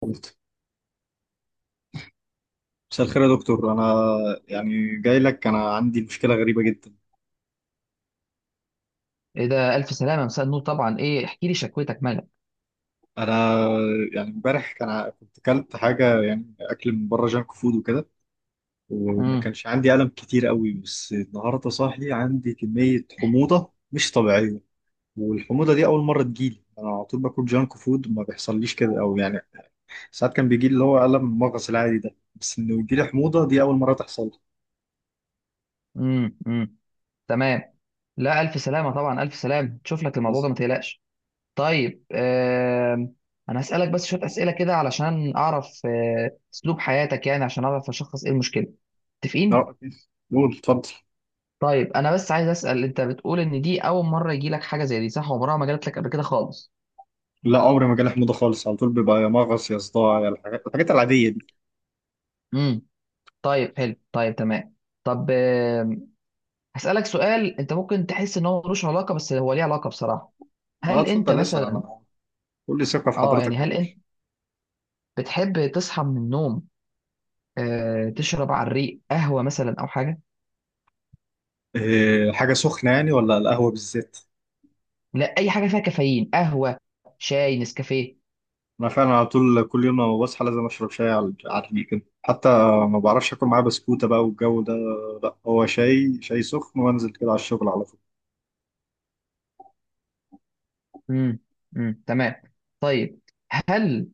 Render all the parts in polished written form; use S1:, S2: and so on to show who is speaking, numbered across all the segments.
S1: قلت مساء الخير يا دكتور. انا يعني جاي لك، انا عندي مشكله غريبه جدا.
S2: ايه ده، الف سلامه. مساء النور طبعا. ايه، احكي لي شكوتك مالك.
S1: انا يعني امبارح كنت اكلت حاجه، يعني اكل من بره، جانك فود وكده، وما
S2: امم
S1: كانش عندي الم كتير قوي، بس النهارده صاحي عندي كميه حموضه مش طبيعيه. والحموضه دي اول مره تجيلي، انا على طول باكل جانك فود ما بيحصليش كده، او يعني ساعات كان بيجي لي اللي هو الم المغص العادي ده، بس انه يجيلي حموضه دي اول مره تحصل لي.
S2: امم امم تمام. لا الف سلامه، طبعا الف سلامه، تشوف لك الموضوع
S1: بس-
S2: ده ما تقلقش. طيب، انا هسالك بس شويه اسئله كده علشان اعرف اسلوب حياتك، يعني عشان اعرف اشخص ايه المشكله. متفقين؟
S1: لا، قول اتفضل.
S2: طيب انا بس عايز اسال، انت بتقول ان دي اول مره يجي لك حاجه زي دي، صح؟ عمرها ما جات لك قبل كده خالص؟
S1: لا عمري ما جالي حموضه خالص، على طول بيبقى يا مغص يا صداع يا الحاجات العاديه دي.
S2: امم طيب حلو طيب تمام. طب هسالك سؤال. انت ممكن تحس ان هو ملوش علاقه، بس هو ليه علاقه بصراحه.
S1: ما
S2: هل انت
S1: اتفضل اسال
S2: مثلا
S1: انا، كل ثقه في حضرتك
S2: هل
S1: اهو.
S2: انت بتحب تصحى من النوم تشرب على الريق قهوه مثلا او حاجه؟
S1: إيه، حاجه سخنه يعني ولا القهوه بالذات؟
S2: لا، اي حاجه فيها كافيين، قهوه شاي نسكافيه.
S1: انا فعلا على طول كل يوم لما بصحى لازم اشرب شاي على الريق كده، حتى ما بعرفش اكل معاه بسكوته بقى والجو ده. لا، هو شاي سخن وانزل كده على الشغل على طول.
S2: امم تمام. طيب، هل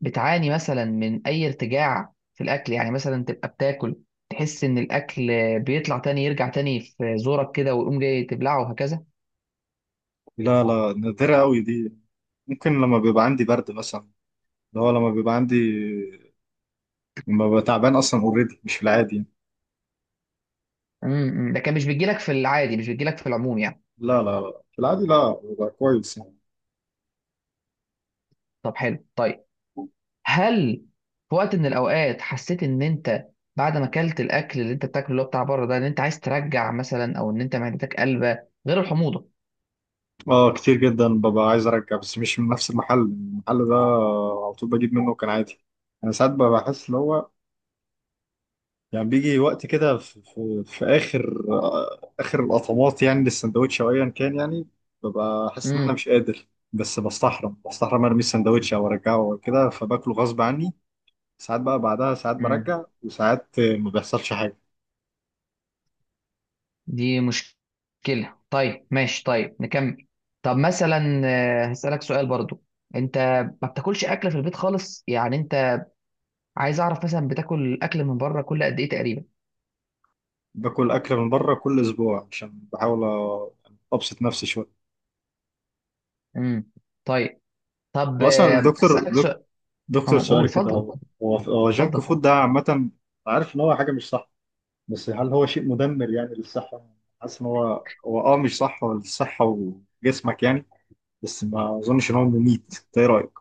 S2: بتعاني مثلا من اي ارتجاع في الاكل؟ يعني مثلا تبقى بتاكل، تحس ان الاكل بيطلع تاني، يرجع تاني في زورك كده ويقوم جاي تبلعه وهكذا.
S1: لا لا، نادره قوي دي، ممكن لما بيبقى عندي برد مثلا، اللي هو لما بيبقى عندي لما ببقى تعبان اصلا اوريدي مش في العادي يعني.
S2: أمم. ده كان مش بيجيلك في العادي؟ مش بيجيلك في العموم يعني؟
S1: لا لا لا، في العادي لا، ببقى كويس يعني.
S2: طب حلو طيب. هل في وقت من الاوقات حسيت ان انت بعد ما اكلت الاكل اللي انت بتاكله اللي هو بتاع بره ده، ان انت عايز ترجع مثلا، او ان انت معدتك قلبه غير الحموضه؟
S1: اه كتير جدا ببقى عايز ارجع، بس مش من نفس المحل ده على طول بجيب منه كان عادي. انا ساعات ببقى بحس اللي هو، يعني بيجي وقت كده في اخر القطمات يعني للسندوتش او ايا كان يعني، ببقى احس ان انا
S2: امم
S1: مش قادر، بس بستحرم ارمي السندوتش او ارجعه او كده، فباكله غصب عني. ساعات بقى بعدها ساعات
S2: امم
S1: برجع، وساعات ما بيحصلش حاجه.
S2: دي مشكله. طيب ماشي، طيب نكمل. طب مثلا هسألك سؤال برضو. انت ما بتاكلش اكل في البيت خالص يعني؟ انت، عايز اعرف مثلا بتاكل اكل من بره كل قد ايه تقريبا؟
S1: باكل اكل من بره كل اسبوع عشان بحاول ابسط نفسي شويه.
S2: امم طيب. طب
S1: هو اصلا الدكتور،
S2: هسألك سؤال.
S1: دكتور
S2: اه قول
S1: سؤال كده،
S2: اتفضل،
S1: هو هو
S2: اتفضل
S1: جانك
S2: اتفضل.
S1: فود ده عامة، عارف إن هو حاجة مش صح، بس هل هو شيء مدمر يعني للصحة؟ حاسس إن هو مش صح للصحة وجسمك يعني، بس ما أظنش إن هو مميت، أنت إيه رأيك؟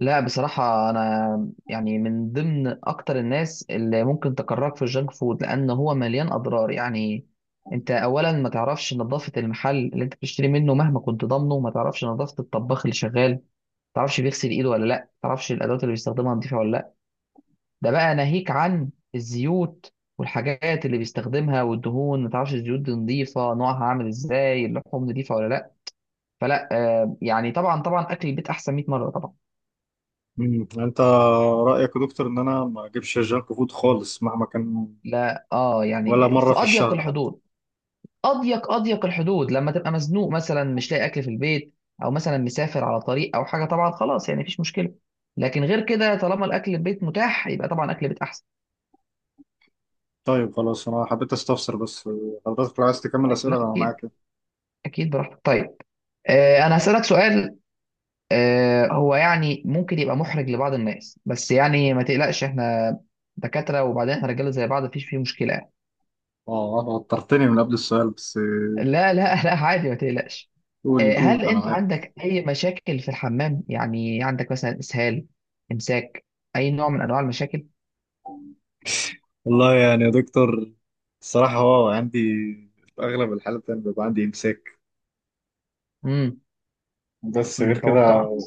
S2: لا بصراحة، أنا يعني من ضمن أكتر الناس اللي ممكن تكرهك في الجانك فود، لأن هو مليان أضرار يعني. أنت أولا ما تعرفش نظافة المحل اللي أنت بتشتري منه، مهما كنت ضامنه ما تعرفش نظافة الطباخ اللي شغال، ما تعرفش بيغسل إيده ولا لأ، ما تعرفش الأدوات اللي بيستخدمها نظيفة ولا لأ. ده بقى ناهيك عن الزيوت والحاجات اللي بيستخدمها والدهون، ما تعرفش الزيوت دي نظيفة، نوعها عامل إزاي، اللحوم نظيفة ولا لأ. فلا يعني طبعا طبعا أكل البيت أحسن 100 مرة طبعا.
S1: مم. أنت رأيك يا دكتور إن أنا ما أجيبش جانك فود خالص مهما كان،
S2: لا اه
S1: ولا
S2: يعني
S1: مرة
S2: في
S1: في
S2: اضيق
S1: الشهر حتى؟
S2: الحدود، اضيق الحدود لما تبقى مزنوق مثلا مش لاقي اكل في البيت، او مثلا مسافر على طريق او حاجه، طبعا خلاص يعني مفيش مشكله. لكن غير كده طالما الاكل البيت متاح يبقى طبعا اكل البيت احسن.
S1: طيب خلاص، أنا حبيت أستفسر بس، حضرتك لو عايز تكمل
S2: أيوة،
S1: أسئلة
S2: لا
S1: أنا
S2: اكيد
S1: معاك.
S2: اكيد، براحتك. طيب انا هسالك سؤال. هو يعني ممكن يبقى محرج لبعض الناس، بس يعني ما تقلقش احنا دكاتره، وبعدين احنا رجاله زي بعض، مفيش فيه مشكله.
S1: أه، أنا وترتني من قبل السؤال بس،
S2: لا لا لا، عادي ما تقلقش.
S1: قول
S2: هل
S1: قول أنا
S2: انت
S1: معاك.
S2: عندك اي مشاكل في الحمام؟ يعني عندك مثلا اسهال، امساك، اي نوع من انواع المشاكل؟
S1: والله يعني يا دكتور، الصراحة هو عندي في أغلب الحالات أنا بيبقى عندي إمساك،
S2: امم
S1: بس غير كده،
S2: توقعت.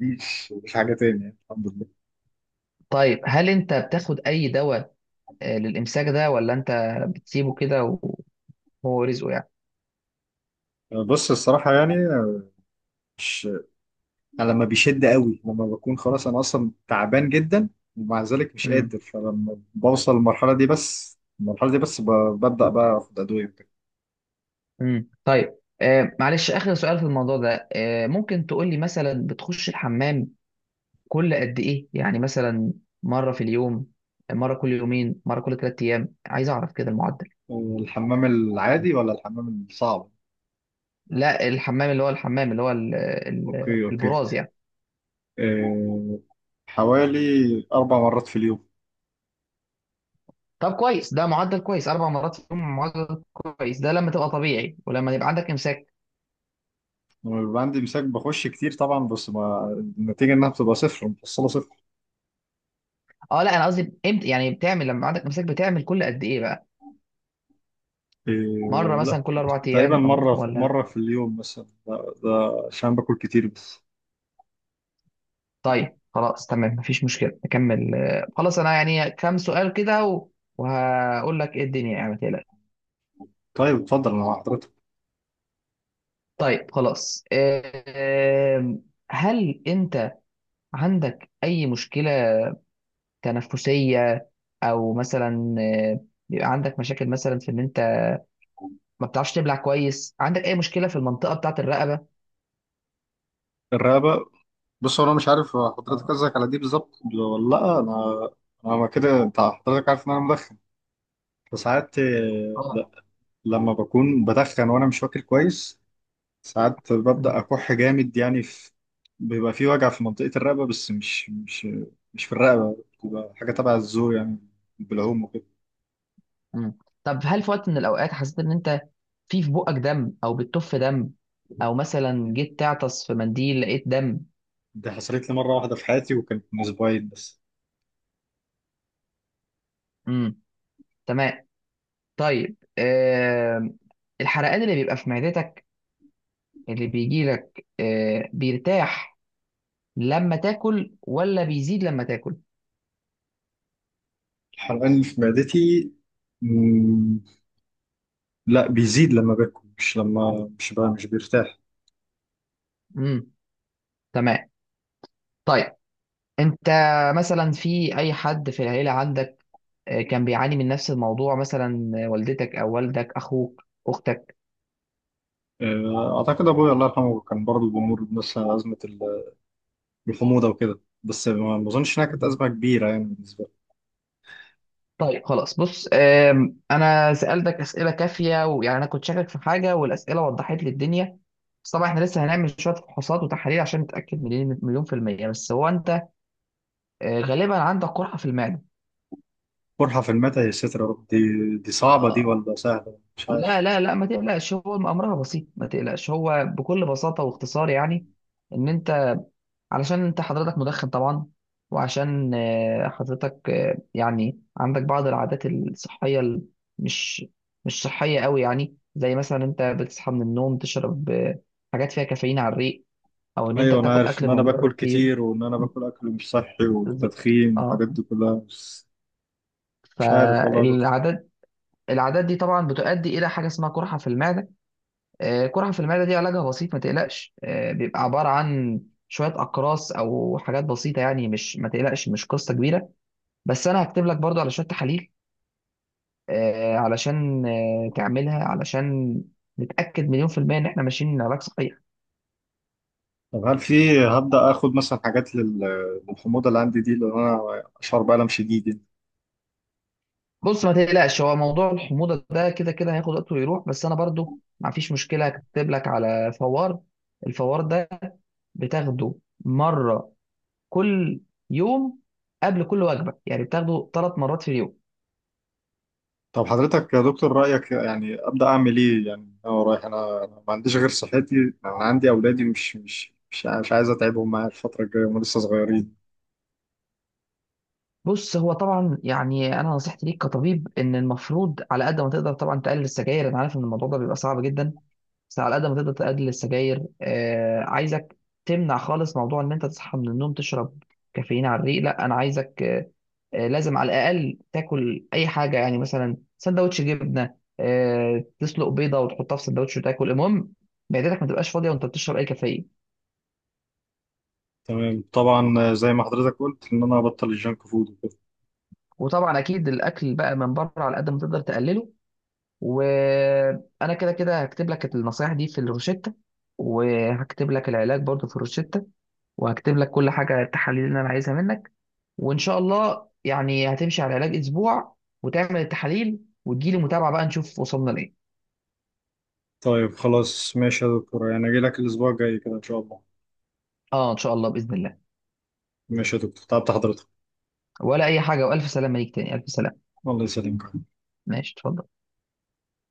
S1: مفيش حاجة تاني يعني الحمد لله.
S2: طيب هل انت بتاخد اي دواء للامساك ده، ولا انت بتسيبه كده وهو رزقه يعني؟
S1: بص الصراحة يعني، مش أنا لما بيشد قوي، لما بكون خلاص أنا أصلا تعبان جدا ومع ذلك مش
S2: امم
S1: قادر، فلما بوصل للمرحلة دي، بس المرحلة دي بس ببدأ بقى آخد أدوية وبتاع.
S2: طيب. معلش اخر سؤال في الموضوع ده. ممكن تقول لي مثلا بتخش الحمام كل قد ايه؟ يعني مثلا مرة في اليوم، مرة كل يومين، مرة كل 3 ايام، عايز اعرف كده المعدل.
S1: الحمام العادي ولا الحمام الصعب؟
S2: لا، الحمام اللي هو الحمام اللي هو
S1: أوكي أوكي،
S2: البراز يعني.
S1: أه حوالي 4 مرات في اليوم.
S2: طب كويس، ده معدل كويس، 4 مرات في اليوم معدل كويس، ده لما تبقى طبيعي، ولما يبقى عندك امساك؟
S1: عندي مساك بخش كتير طبعا، بس ما النتيجة انها بتبقى صفر، محصلة صفر.
S2: اه لا، انا قصدي امتى يعني بتعمل، لما عندك امساك بتعمل كل قد ايه بقى، مره
S1: إيه لا،
S2: مثلا كل اربع
S1: تقريبا
S2: ايام او
S1: مرة
S2: ولا؟
S1: مرة في اليوم مثلا، ده عشان باكل كتير بس.
S2: طيب خلاص تمام مفيش مشكله، نكمل. خلاص انا يعني كام سؤال كده وهقول لك ايه الدنيا يعني ما تقلقش.
S1: طيب اتفضل انا مع حضرتك.
S2: طيب خلاص. آه، هل انت عندك اي مشكله تنفسيه، او مثلا بيبقى عندك مشاكل مثلا في ان انت ما بتعرفش تبلع كويس؟ عندك اي مشكله في المنطقه بتاعه الرقبه؟
S1: الرقبة، بص هو انا مش عارف، حضرتك
S2: اه
S1: قصدك على دي بالظبط ولا لا، انا كده انت حضرتك عارف ان انا مدخن، فساعات لا،
S2: اه.
S1: لما بكون بدخن وانا مش واكل كويس، ساعات
S2: مم.
S1: ببدأ أكح جامد يعني، بيبقى في وجع في منطقة الرقبة، بس مش في الرقبة، بتبقى حاجة تبع الزور يعني، بالعوم وكده.
S2: مم. طب هل في وقت من الاوقات حسيت ان انت في بقك دم او بتطف دم، او مثلا جيت تعطس في منديل لقيت دم؟
S1: دي حصلت لي مرة واحدة في حياتي، وكانت من أسبوعين بس.
S2: امم تمام. طيب، الحرقان اللي بيبقى في معدتك اللي بيجي لك بيرتاح لما تاكل ولا بيزيد لما تاكل؟
S1: الحرقان اللي في معدتي، مم، لا بيزيد لما باكل، مش لما، مش بقى مش بيرتاح.
S2: امم تمام. طيب انت مثلا في اي حد في العيلة عندك كان بيعاني من نفس الموضوع مثلا، والدتك او والدك، اخوك، اختك؟
S1: أعتقد أبويا الله يرحمه كان برضه بيمر بنفس أزمة الحموضة وكده، بس ما أظنش إنها كانت أزمة كبيرة يعني بالنسبة لي.
S2: طيب خلاص، بص انا سألتك اسئلة كافية، ويعني انا كنت شاكك في حاجة، والاسئلة وضحت لي الدنيا. بس طبعا احنا لسه هنعمل شوية فحوصات وتحاليل عشان نتأكد مليون مليون في المية. بس هو انت غالبا عندك قرحة في المعدة.
S1: قرحة في المعدة؟ يا ساتر يا رب، دي صعبة دي
S2: آه،
S1: ولا سهلة مش
S2: لا
S1: عارف.
S2: لا لا ما تقلقش، هو امرها بسيط ما تقلقش، هو بكل بساطة واختصار يعني ان انت، علشان انت حضرتك مدخن طبعا، وعشان حضرتك يعني عندك بعض العادات الصحية مش مش صحية قوي يعني. زي مثلا انت بتصحى من النوم تشرب حاجات فيها كافيين على الريق، او ان انت
S1: ايوه انا
S2: بتاكل
S1: عارف
S2: اكل
S1: ان انا
S2: من بره
S1: باكل
S2: كتير.
S1: كتير وان انا
S2: م،
S1: باكل اكل مش صحي
S2: بالظبط.
S1: والتدخين
S2: اه
S1: والحاجات دي كلها، بس مش عارف والله يا دكتور.
S2: فالعادات، العادات دي طبعا بتؤدي الى حاجه اسمها قرحه في المعده. قرحه في المعده دي علاجها بسيط ما تقلقش. بيبقى عباره عن شويه اقراص او حاجات بسيطه يعني، مش ما تقلقش مش قصه كبيره. بس انا هكتب لك برضو على شويه تحاليل علشان تعملها علشان نتاكد مليون في الميه ان احنا ماشيين علاج صحيح.
S1: طب هل في، هبدا اخد مثلا حاجات للحموضه اللي عندي دي لان انا اشعر بالم شديد يعني.
S2: بص ما تقلقش، هو موضوع الحموضه ده كده كده هياخد وقته ويروح. بس انا برضو ما فيش مشكله هكتب لك على فوار. الفوار ده بتاخده مره كل يوم قبل كل وجبه، يعني بتاخده 3 مرات في اليوم.
S1: طب حضرتك يا دكتور رايك يعني ابدا اعمل ايه يعني، انا رايح، انا ما عنديش غير صحتي، انا عندي اولادي، مش عايز اتعبهم معايا الفتره الجايه، هم لسه صغيرين.
S2: بص هو طبعا يعني انا نصيحتي ليك كطبيب ان المفروض على قد ما تقدر طبعا تقلل السجاير، انا عارف ان الموضوع ده بيبقى صعب جدا، بس على قد ما تقدر تقلل السجاير. عايزك تمنع خالص موضوع ان انت تصحى من النوم تشرب كافيين على الريق، لا انا عايزك لازم على الاقل تاكل اي حاجه، يعني مثلا سندوتش جبنه، تسلق بيضه وتحطها في سندوتش وتاكل، المهم معدتك ما تبقاش فاضيه وانت بتشرب اي كافيين.
S1: تمام طبعا زي ما حضرتك قلت ان انا ابطل الجنك فود وكده.
S2: وطبعا اكيد الاكل بقى من بره على قد ما تقدر تقلله. وانا كده كده هكتب لك النصايح دي في الروشته، وهكتب لك العلاج برضو في الروشته، وهكتب لك كل حاجه، التحاليل اللي انا عايزها منك. وان شاء الله يعني هتمشي على علاج اسبوع، وتعمل التحاليل، وتجيلي متابعه بقى نشوف وصلنا لايه.
S1: طيب خلاص ماشي يا دكتور، يعني اجي لك الاسبوع الجاي كده ان شاء الله.
S2: اه ان شاء الله باذن الله.
S1: ماشي يا دكتور، تعبت حضرتك.
S2: ولا اي حاجه، والف سلامه ليك تاني، الف سلامه.
S1: الله يسلمك.
S2: ماشي، اتفضل.